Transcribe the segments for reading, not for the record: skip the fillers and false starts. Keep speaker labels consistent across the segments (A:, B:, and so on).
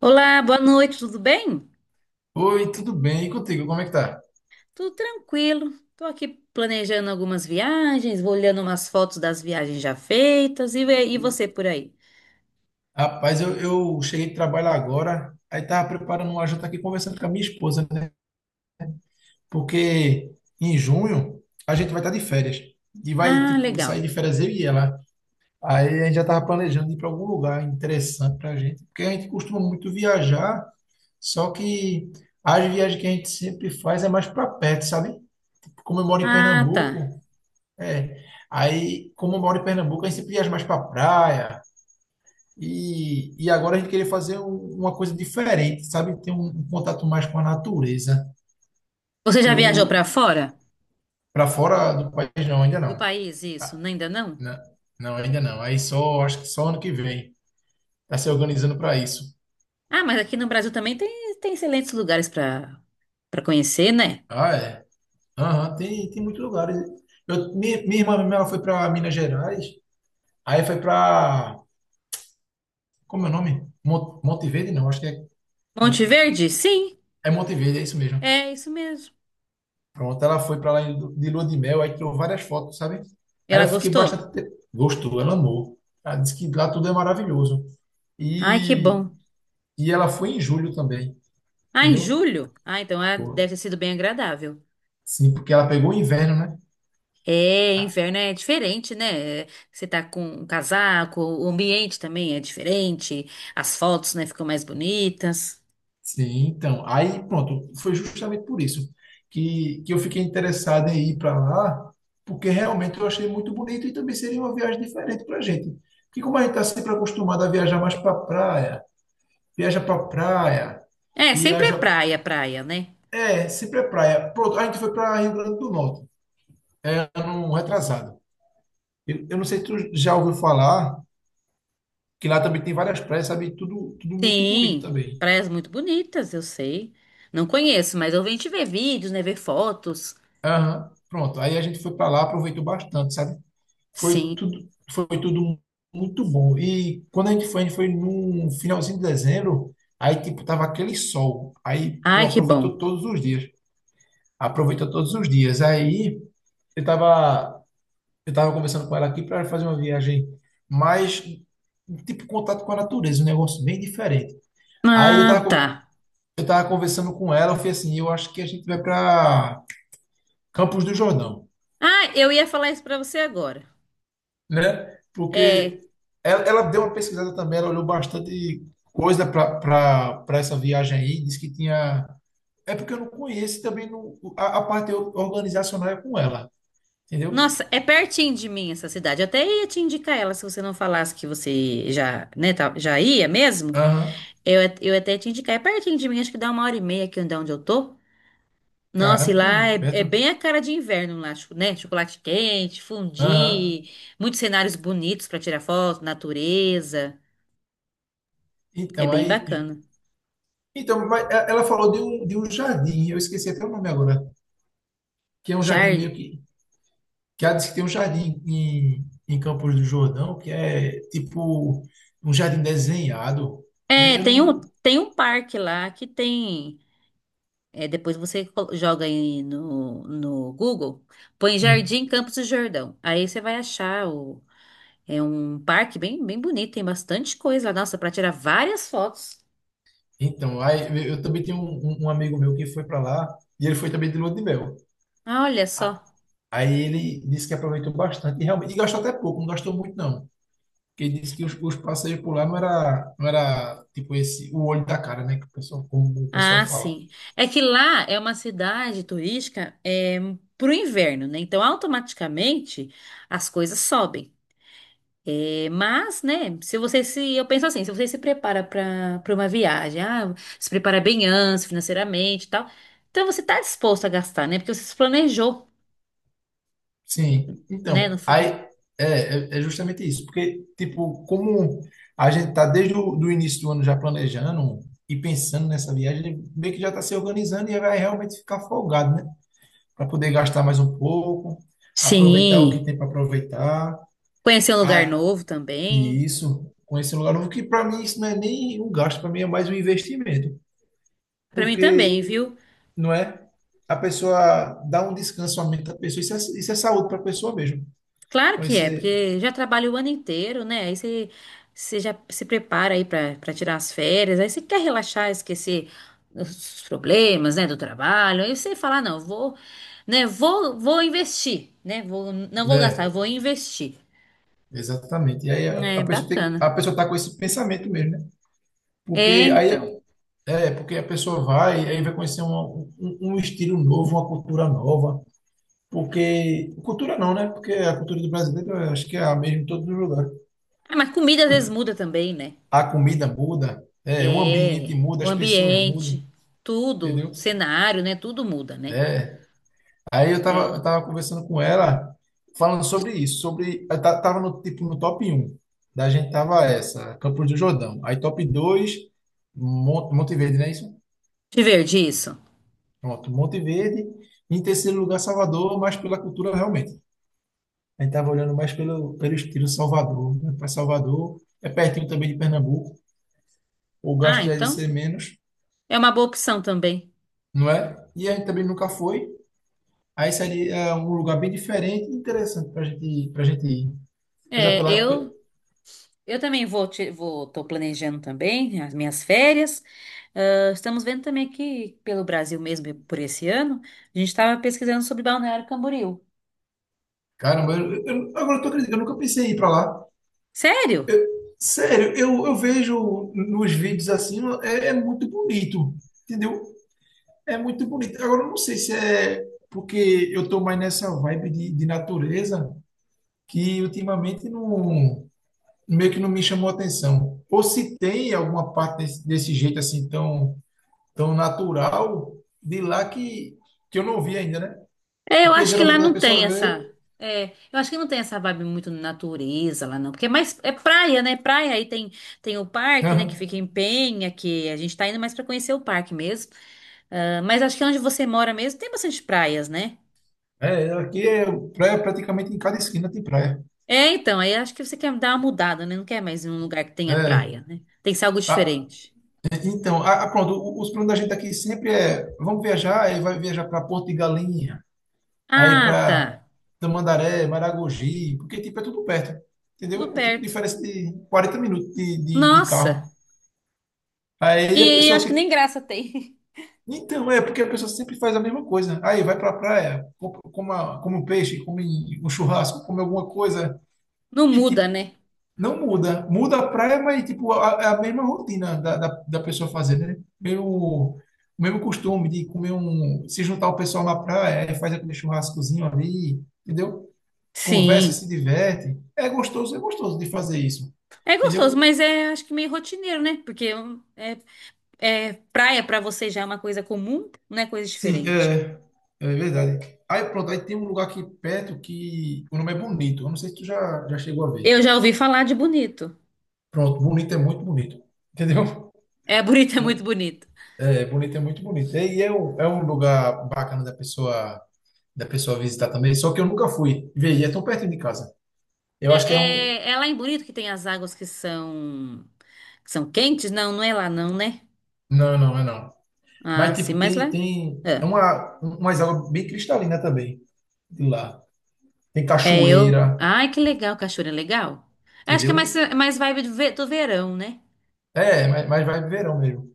A: Olá, boa noite, tudo bem?
B: Oi, tudo bem? E contigo, como é que tá?
A: Tudo tranquilo. Estou aqui planejando algumas viagens, vou olhando umas fotos das viagens já feitas e você por aí?
B: Rapaz, eu cheguei de trabalho agora, aí tava preparando uma janta aqui, conversando com a minha esposa, né? Porque em junho a gente vai estar de férias. E vai,
A: Ah,
B: tipo, sair de
A: legal.
B: férias eu e ela. Aí a gente já tava planejando ir para algum lugar interessante pra gente. Porque a gente costuma muito viajar, só que as viagens que a gente sempre faz é mais para perto, sabe? Como eu moro em
A: Ah, tá.
B: Pernambuco, é. Aí, como eu moro em Pernambuco, a gente sempre viaja mais para praia. E agora a gente queria fazer uma coisa diferente, sabe? Ter um contato mais com a natureza.
A: Você já viajou para
B: Eu,
A: fora
B: para fora do país, não, ainda
A: do
B: não.
A: país, isso?
B: Ah,
A: Não, ainda não?
B: na- Não, ainda não. Aí só, acho que só ano que vem. Tá se organizando para isso.
A: Ah, mas aqui no Brasil também tem, tem excelentes lugares para conhecer, né?
B: Ah, é? Aham, tem muitos lugares. Eu, minha irmã mesmo, ela foi para Minas Gerais, aí foi para. Como é o nome? Monte Verde? Não, acho que é.
A: Monte
B: Campo-
A: Verde? Sim,
B: É Monte Verde, é isso mesmo.
A: é isso mesmo.
B: Pronto, ela foi pra lá de lua de mel, aí tirou várias fotos, sabe? Aí
A: Ela
B: eu fiquei
A: gostou?
B: bastante. Gostou, ela amou. Ela disse que lá tudo é maravilhoso.
A: Ai, que
B: E,
A: bom.
B: e ela foi em julho também,
A: Ah, em
B: entendeu?
A: julho? Ah, então
B: Foi.
A: deve ter sido bem agradável.
B: Sim, porque ela pegou o inverno, né?
A: É, inverno é diferente, né? Você tá com um casaco, o ambiente também é diferente, as fotos, né, ficam mais bonitas.
B: Sim, então. Aí, pronto, foi justamente por isso que eu fiquei interessado em ir para lá, porque realmente eu achei muito bonito e também seria uma viagem diferente para a gente. Porque como a gente está sempre acostumado a viajar mais para praia,
A: É, sempre é
B: viaja
A: praia, praia, né?
B: é, sempre é praia. Pronto, a gente foi para Rio Grande do Norte, é, ano retrasado. Eu não sei se tu já ouviu falar que lá também tem várias praias, sabe? Tudo, tudo muito bonito
A: Sim,
B: também.
A: praias muito bonitas, eu sei. Não conheço, mas eu venho te ver vídeos, né, ver fotos.
B: Aham, pronto, aí a gente foi para lá, aproveitou bastante, sabe?
A: Sim.
B: Foi tudo muito bom. E quando a gente foi no finalzinho de dezembro, aí tipo tava aquele sol. Aí, pô,
A: Ai, que bom.
B: aproveitou todos os dias. Aproveitou todos os dias. Aí eu tava Eu estava conversando com ela aqui para fazer uma viagem mais, tipo, contato com a natureza, um negócio bem diferente. Aí eu
A: Ah,
B: estava
A: tá.
B: eu tava conversando com ela, eu falei assim, eu acho que a gente vai para Campos do Jordão,
A: Ah, eu ia falar isso pra você agora.
B: né? Porque
A: É,
B: ela deu uma pesquisada também, ela olhou bastante coisa para essa viagem aí, disse que tinha. É porque eu não conheço e também não, a parte organizacional é com ela, entendeu?
A: nossa, é pertinho de mim essa cidade. Eu até ia te indicar ela se você não falasse que você já, né, já ia mesmo.
B: Aham.
A: Eu, eu até te indicar é pertinho de mim, acho que dá uma hora e meia aqui de onde eu tô. Nossa, e
B: Caramba, tu é
A: lá
B: muito
A: é, é
B: perto.
A: bem a cara de inverno lá, né? Chocolate quente,
B: Aham.
A: fondue, muitos cenários bonitos pra tirar foto, natureza. É
B: Então,
A: bem
B: aí
A: bacana.
B: Ela falou de um jardim, eu esqueci até o nome agora, que é um jardim
A: Jar...
B: meio que. Que ela disse que tem um jardim em Campos do Jordão, que é tipo um jardim desenhado. Eu,
A: É,
B: eu não.
A: tem um parque lá que tem. É, depois você joga aí no Google, põe
B: Hum.
A: Jardim Campos do Jordão. Aí você vai achar o, é um parque bem, bem bonito, tem bastante coisa lá, nossa, pra tirar várias fotos.
B: Então, aí eu também tenho um amigo meu que foi para lá, e ele foi também de lua de mel.
A: Ah, olha
B: A-
A: só.
B: Aí ele disse que aproveitou bastante, e realmente, e gastou até pouco, não gastou muito não. Porque ele disse que os passeios por lá não era tipo esse, o olho da cara, né, que o pessoal, como o pessoal
A: Ah,
B: fala.
A: sim. É que lá é uma cidade turística é, para o inverno, né? Então, automaticamente as coisas sobem. É, mas, né? Se você se, eu penso assim, se você se prepara para uma viagem, ah, se prepara bem antes, financeiramente, e tal, então você está disposto a gastar, né? Porque você se planejou,
B: Sim,
A: né?
B: então,
A: Não
B: aí
A: foi-
B: é justamente isso, porque, tipo, como a gente tá desde o do início do ano já planejando e pensando nessa viagem, meio que já está se organizando e vai realmente ficar folgado, né? Para poder gastar mais um pouco, aproveitar o que
A: Sim.
B: tem para aproveitar.
A: Conhecer um lugar
B: Ah,
A: novo
B: e
A: também.
B: isso, conhecer um lugar novo, que para mim isso não é nem um gasto, para mim é mais um investimento,
A: Para mim também,
B: porque,
A: viu?
B: não é? A pessoa dá um descanso à mente da pessoa, isso é saúde para a pessoa mesmo.
A: Claro que é,
B: Conhecer.
A: porque já trabalha o ano inteiro, né? Aí você, você já se prepara aí para tirar as férias, aí você quer relaxar, esquecer os problemas, né, do trabalho. Aí você fala, "Ah, não, vou, né, vou, vou investir, né? Vou, não vou gastar, eu
B: Né?
A: vou investir.
B: Exatamente. E aí a,
A: É
B: a a
A: bacana.
B: pessoa tá com esse pensamento mesmo, né?
A: É,
B: Porque aí
A: então.
B: porque a pessoa vai, aí vai conhecer um estilo novo, uma cultura nova. Porque cultura não, né? Porque a cultura do brasileiro eu acho que é a mesma em todos os lugares.
A: Ah, mas comida às vezes muda também, né?
B: A comida muda, é, o ambiente
A: É,
B: muda,
A: o
B: as pessoas mudam,
A: ambiente, tudo,
B: entendeu?
A: cenário, né? Tudo muda, né?
B: É, aí eu tava,
A: É.
B: eu tava conversando com ela, falando sobre isso, sobre. Tava no, tipo, no top 1 da gente, tava essa, Campos do Jordão. Aí top 2 Monte Verde, não é isso?
A: Te ver disso.
B: Pronto, Monte Verde. Em terceiro lugar, Salvador, mas pela cultura realmente. A gente tava olhando mais pelo estilo Salvador, né? Para Salvador, é pertinho também de Pernambuco, o
A: Ah,
B: gasto já ia
A: então
B: ser menos,
A: é uma boa opção também.
B: não é? E a gente também nunca foi. Aí seria um lugar bem diferente e interessante para gente ir. Apesar
A: É,
B: pela.
A: eu também vou, vou, tô planejando também as minhas férias. Ah, estamos vendo também aqui pelo Brasil mesmo por esse ano, a gente estava pesquisando sobre Balneário Camboriú.
B: Caramba, agora eu tô acreditando, eu nunca pensei em ir pra lá.
A: Sério?
B: Sério, eu vejo nos vídeos assim, é muito bonito, entendeu? É muito bonito. Agora, eu não sei se é porque eu tô mais nessa vibe de natureza, que ultimamente não, meio que não me chamou atenção. Ou se tem alguma parte desse jeito assim, tão, tão natural, de lá que eu não vi ainda, né?
A: É, eu
B: Porque
A: acho que
B: geralmente
A: lá
B: quando a
A: não tem
B: pessoa vê,
A: essa. É, eu acho que não tem essa vibe muito natureza lá não, porque é mais é praia, né? Praia aí tem tem o parque, né, que
B: aham,
A: fica em Penha, que a gente tá indo mais para conhecer o parque mesmo. Ah, mas acho que onde você mora mesmo tem bastante praias, né?
B: é, aqui é praia praticamente em cada esquina tem praia.
A: É, então, aí acho que você quer dar uma mudada, né? Não quer mais ir num lugar que tenha
B: É.
A: praia, né? Tem que ser algo
B: Ah,
A: diferente.
B: então, pronto, os planos da gente aqui sempre é, vamos viajar, aí vai viajar para Porto de Galinha, aí
A: Ah, tá.
B: para Tamandaré, Maragogi, porque tipo é tudo perto,
A: Tudo
B: entendeu? É tipo
A: perto.
B: diferença de 40 minutos de carro.
A: Nossa!
B: Aí a
A: E
B: pessoa
A: acho que nem
B: tipo,
A: graça tem.
B: então é porque a pessoa sempre faz a mesma coisa. Aí vai para a praia, come, come um peixe, come um churrasco, come alguma coisa
A: Não
B: e
A: muda,
B: tipo.
A: né?
B: Não muda. Muda a praia, mas tipo, é a mesma rotina da pessoa fazer, né? Meio, o mesmo costume de comer um. Se juntar o pessoal na praia, aí faz aquele churrascozinho ali, entendeu? Conversa, se
A: Sim.
B: diverte. É gostoso de fazer isso.
A: É gostoso,
B: Entendeu?
A: mas é acho que meio rotineiro, né? Porque é, é praia pra você já é uma coisa comum, não é coisa
B: Sim,
A: diferente.
B: é verdade. Aí pronto, aí tem um lugar aqui perto que o nome é Bonito. Eu não sei se tu já chegou a ver.
A: Eu já ouvi falar de bonito.
B: Pronto, Bonito é muito bonito. Entendeu?
A: É bonito, é muito
B: Bo-
A: bonito.
B: É, Bonito é muito bonito. E é um lugar bacana da pessoa visitar também, só que eu nunca fui. Vê, e é tão perto de casa.
A: É,
B: Eu acho que é um.
A: é, é lá em Bonito que tem as águas que são quentes? Não, não é lá não, né?
B: Não, não, é não.
A: Ah,
B: Mas,
A: sim,
B: tipo,
A: mas lá.
B: tem é
A: É,
B: umas águas bem cristalinas também, de lá. Tem
A: é, eu.
B: cachoeira,
A: Ai, que legal, cachoeira é legal. Acho que
B: entendeu?
A: é mais vibe do, do verão, né?
B: É, mas vai verão mesmo.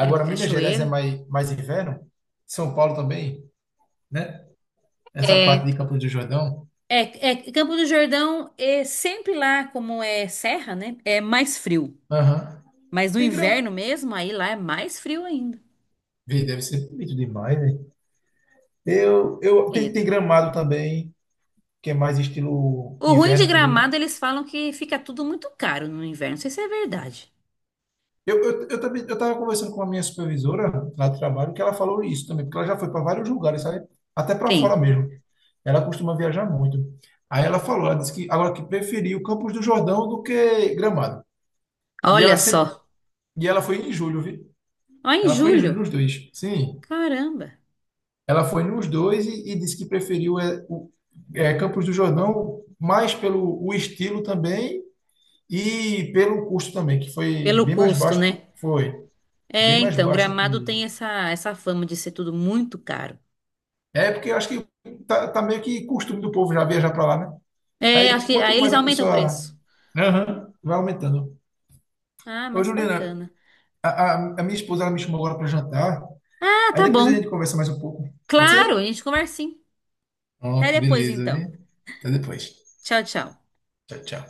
A: É, porque
B: Minas Gerais é
A: cachoeira.
B: mais inverno, São Paulo também, né? Essa parte
A: É,
B: de Campos do Jordão.
A: é, é, Campo do Jordão é sempre lá, como é serra, né? É mais frio.
B: Aham.
A: Mas no
B: Tem grama.
A: inverno mesmo, aí lá é mais frio ainda.
B: Vê, deve ser bonito demais, né? Tem
A: Bonito.
B: gramado também, que é mais estilo
A: O ruim de
B: inverno também, né?
A: Gramado, eles falam que fica tudo muito caro no inverno. Não sei se é verdade.
B: Eu também, eu estava conversando com a minha supervisora lá do trabalho, que ela falou isso também, porque ela já foi para vários lugares, sabe? Até para fora
A: Tem.
B: mesmo. Ela costuma viajar muito. Aí ela falou, ela disse que agora que preferiu Campos do Jordão do que Gramado. E
A: Olha
B: ela sempre,
A: só.
B: e ela foi em julho, viu?
A: Ó, em
B: Ela foi em julho
A: julho.
B: nos dois. Sim,
A: Caramba.
B: ela foi nos dois e disse que preferiu Campos do Jordão mais pelo o estilo também e pelo custo também, que foi
A: Pelo
B: bem mais
A: custo, né?
B: baixo, foi bem
A: É,
B: mais
A: então,
B: baixo
A: Gramado tem
B: que.
A: essa, essa fama de ser tudo muito caro.
B: É, porque eu acho que tá meio que costume do povo já viajar para lá, né?
A: É,
B: Aí,
A: acho que aí
B: quanto
A: eles
B: mais a
A: aumentam o
B: pessoa,
A: preço.
B: aham, vai aumentando.
A: Ah,
B: Ô,
A: mas
B: Juliana,
A: bacana.
B: a minha esposa ela me chamou agora para jantar.
A: Ah,
B: Aí
A: tá
B: depois a
A: bom.
B: gente conversa mais um pouco. Pode ser?
A: Claro, a gente conversa sim. Até
B: Pronto,
A: depois,
B: beleza,
A: então.
B: viu? Até depois.
A: Tchau, tchau.
B: Tchau, tchau.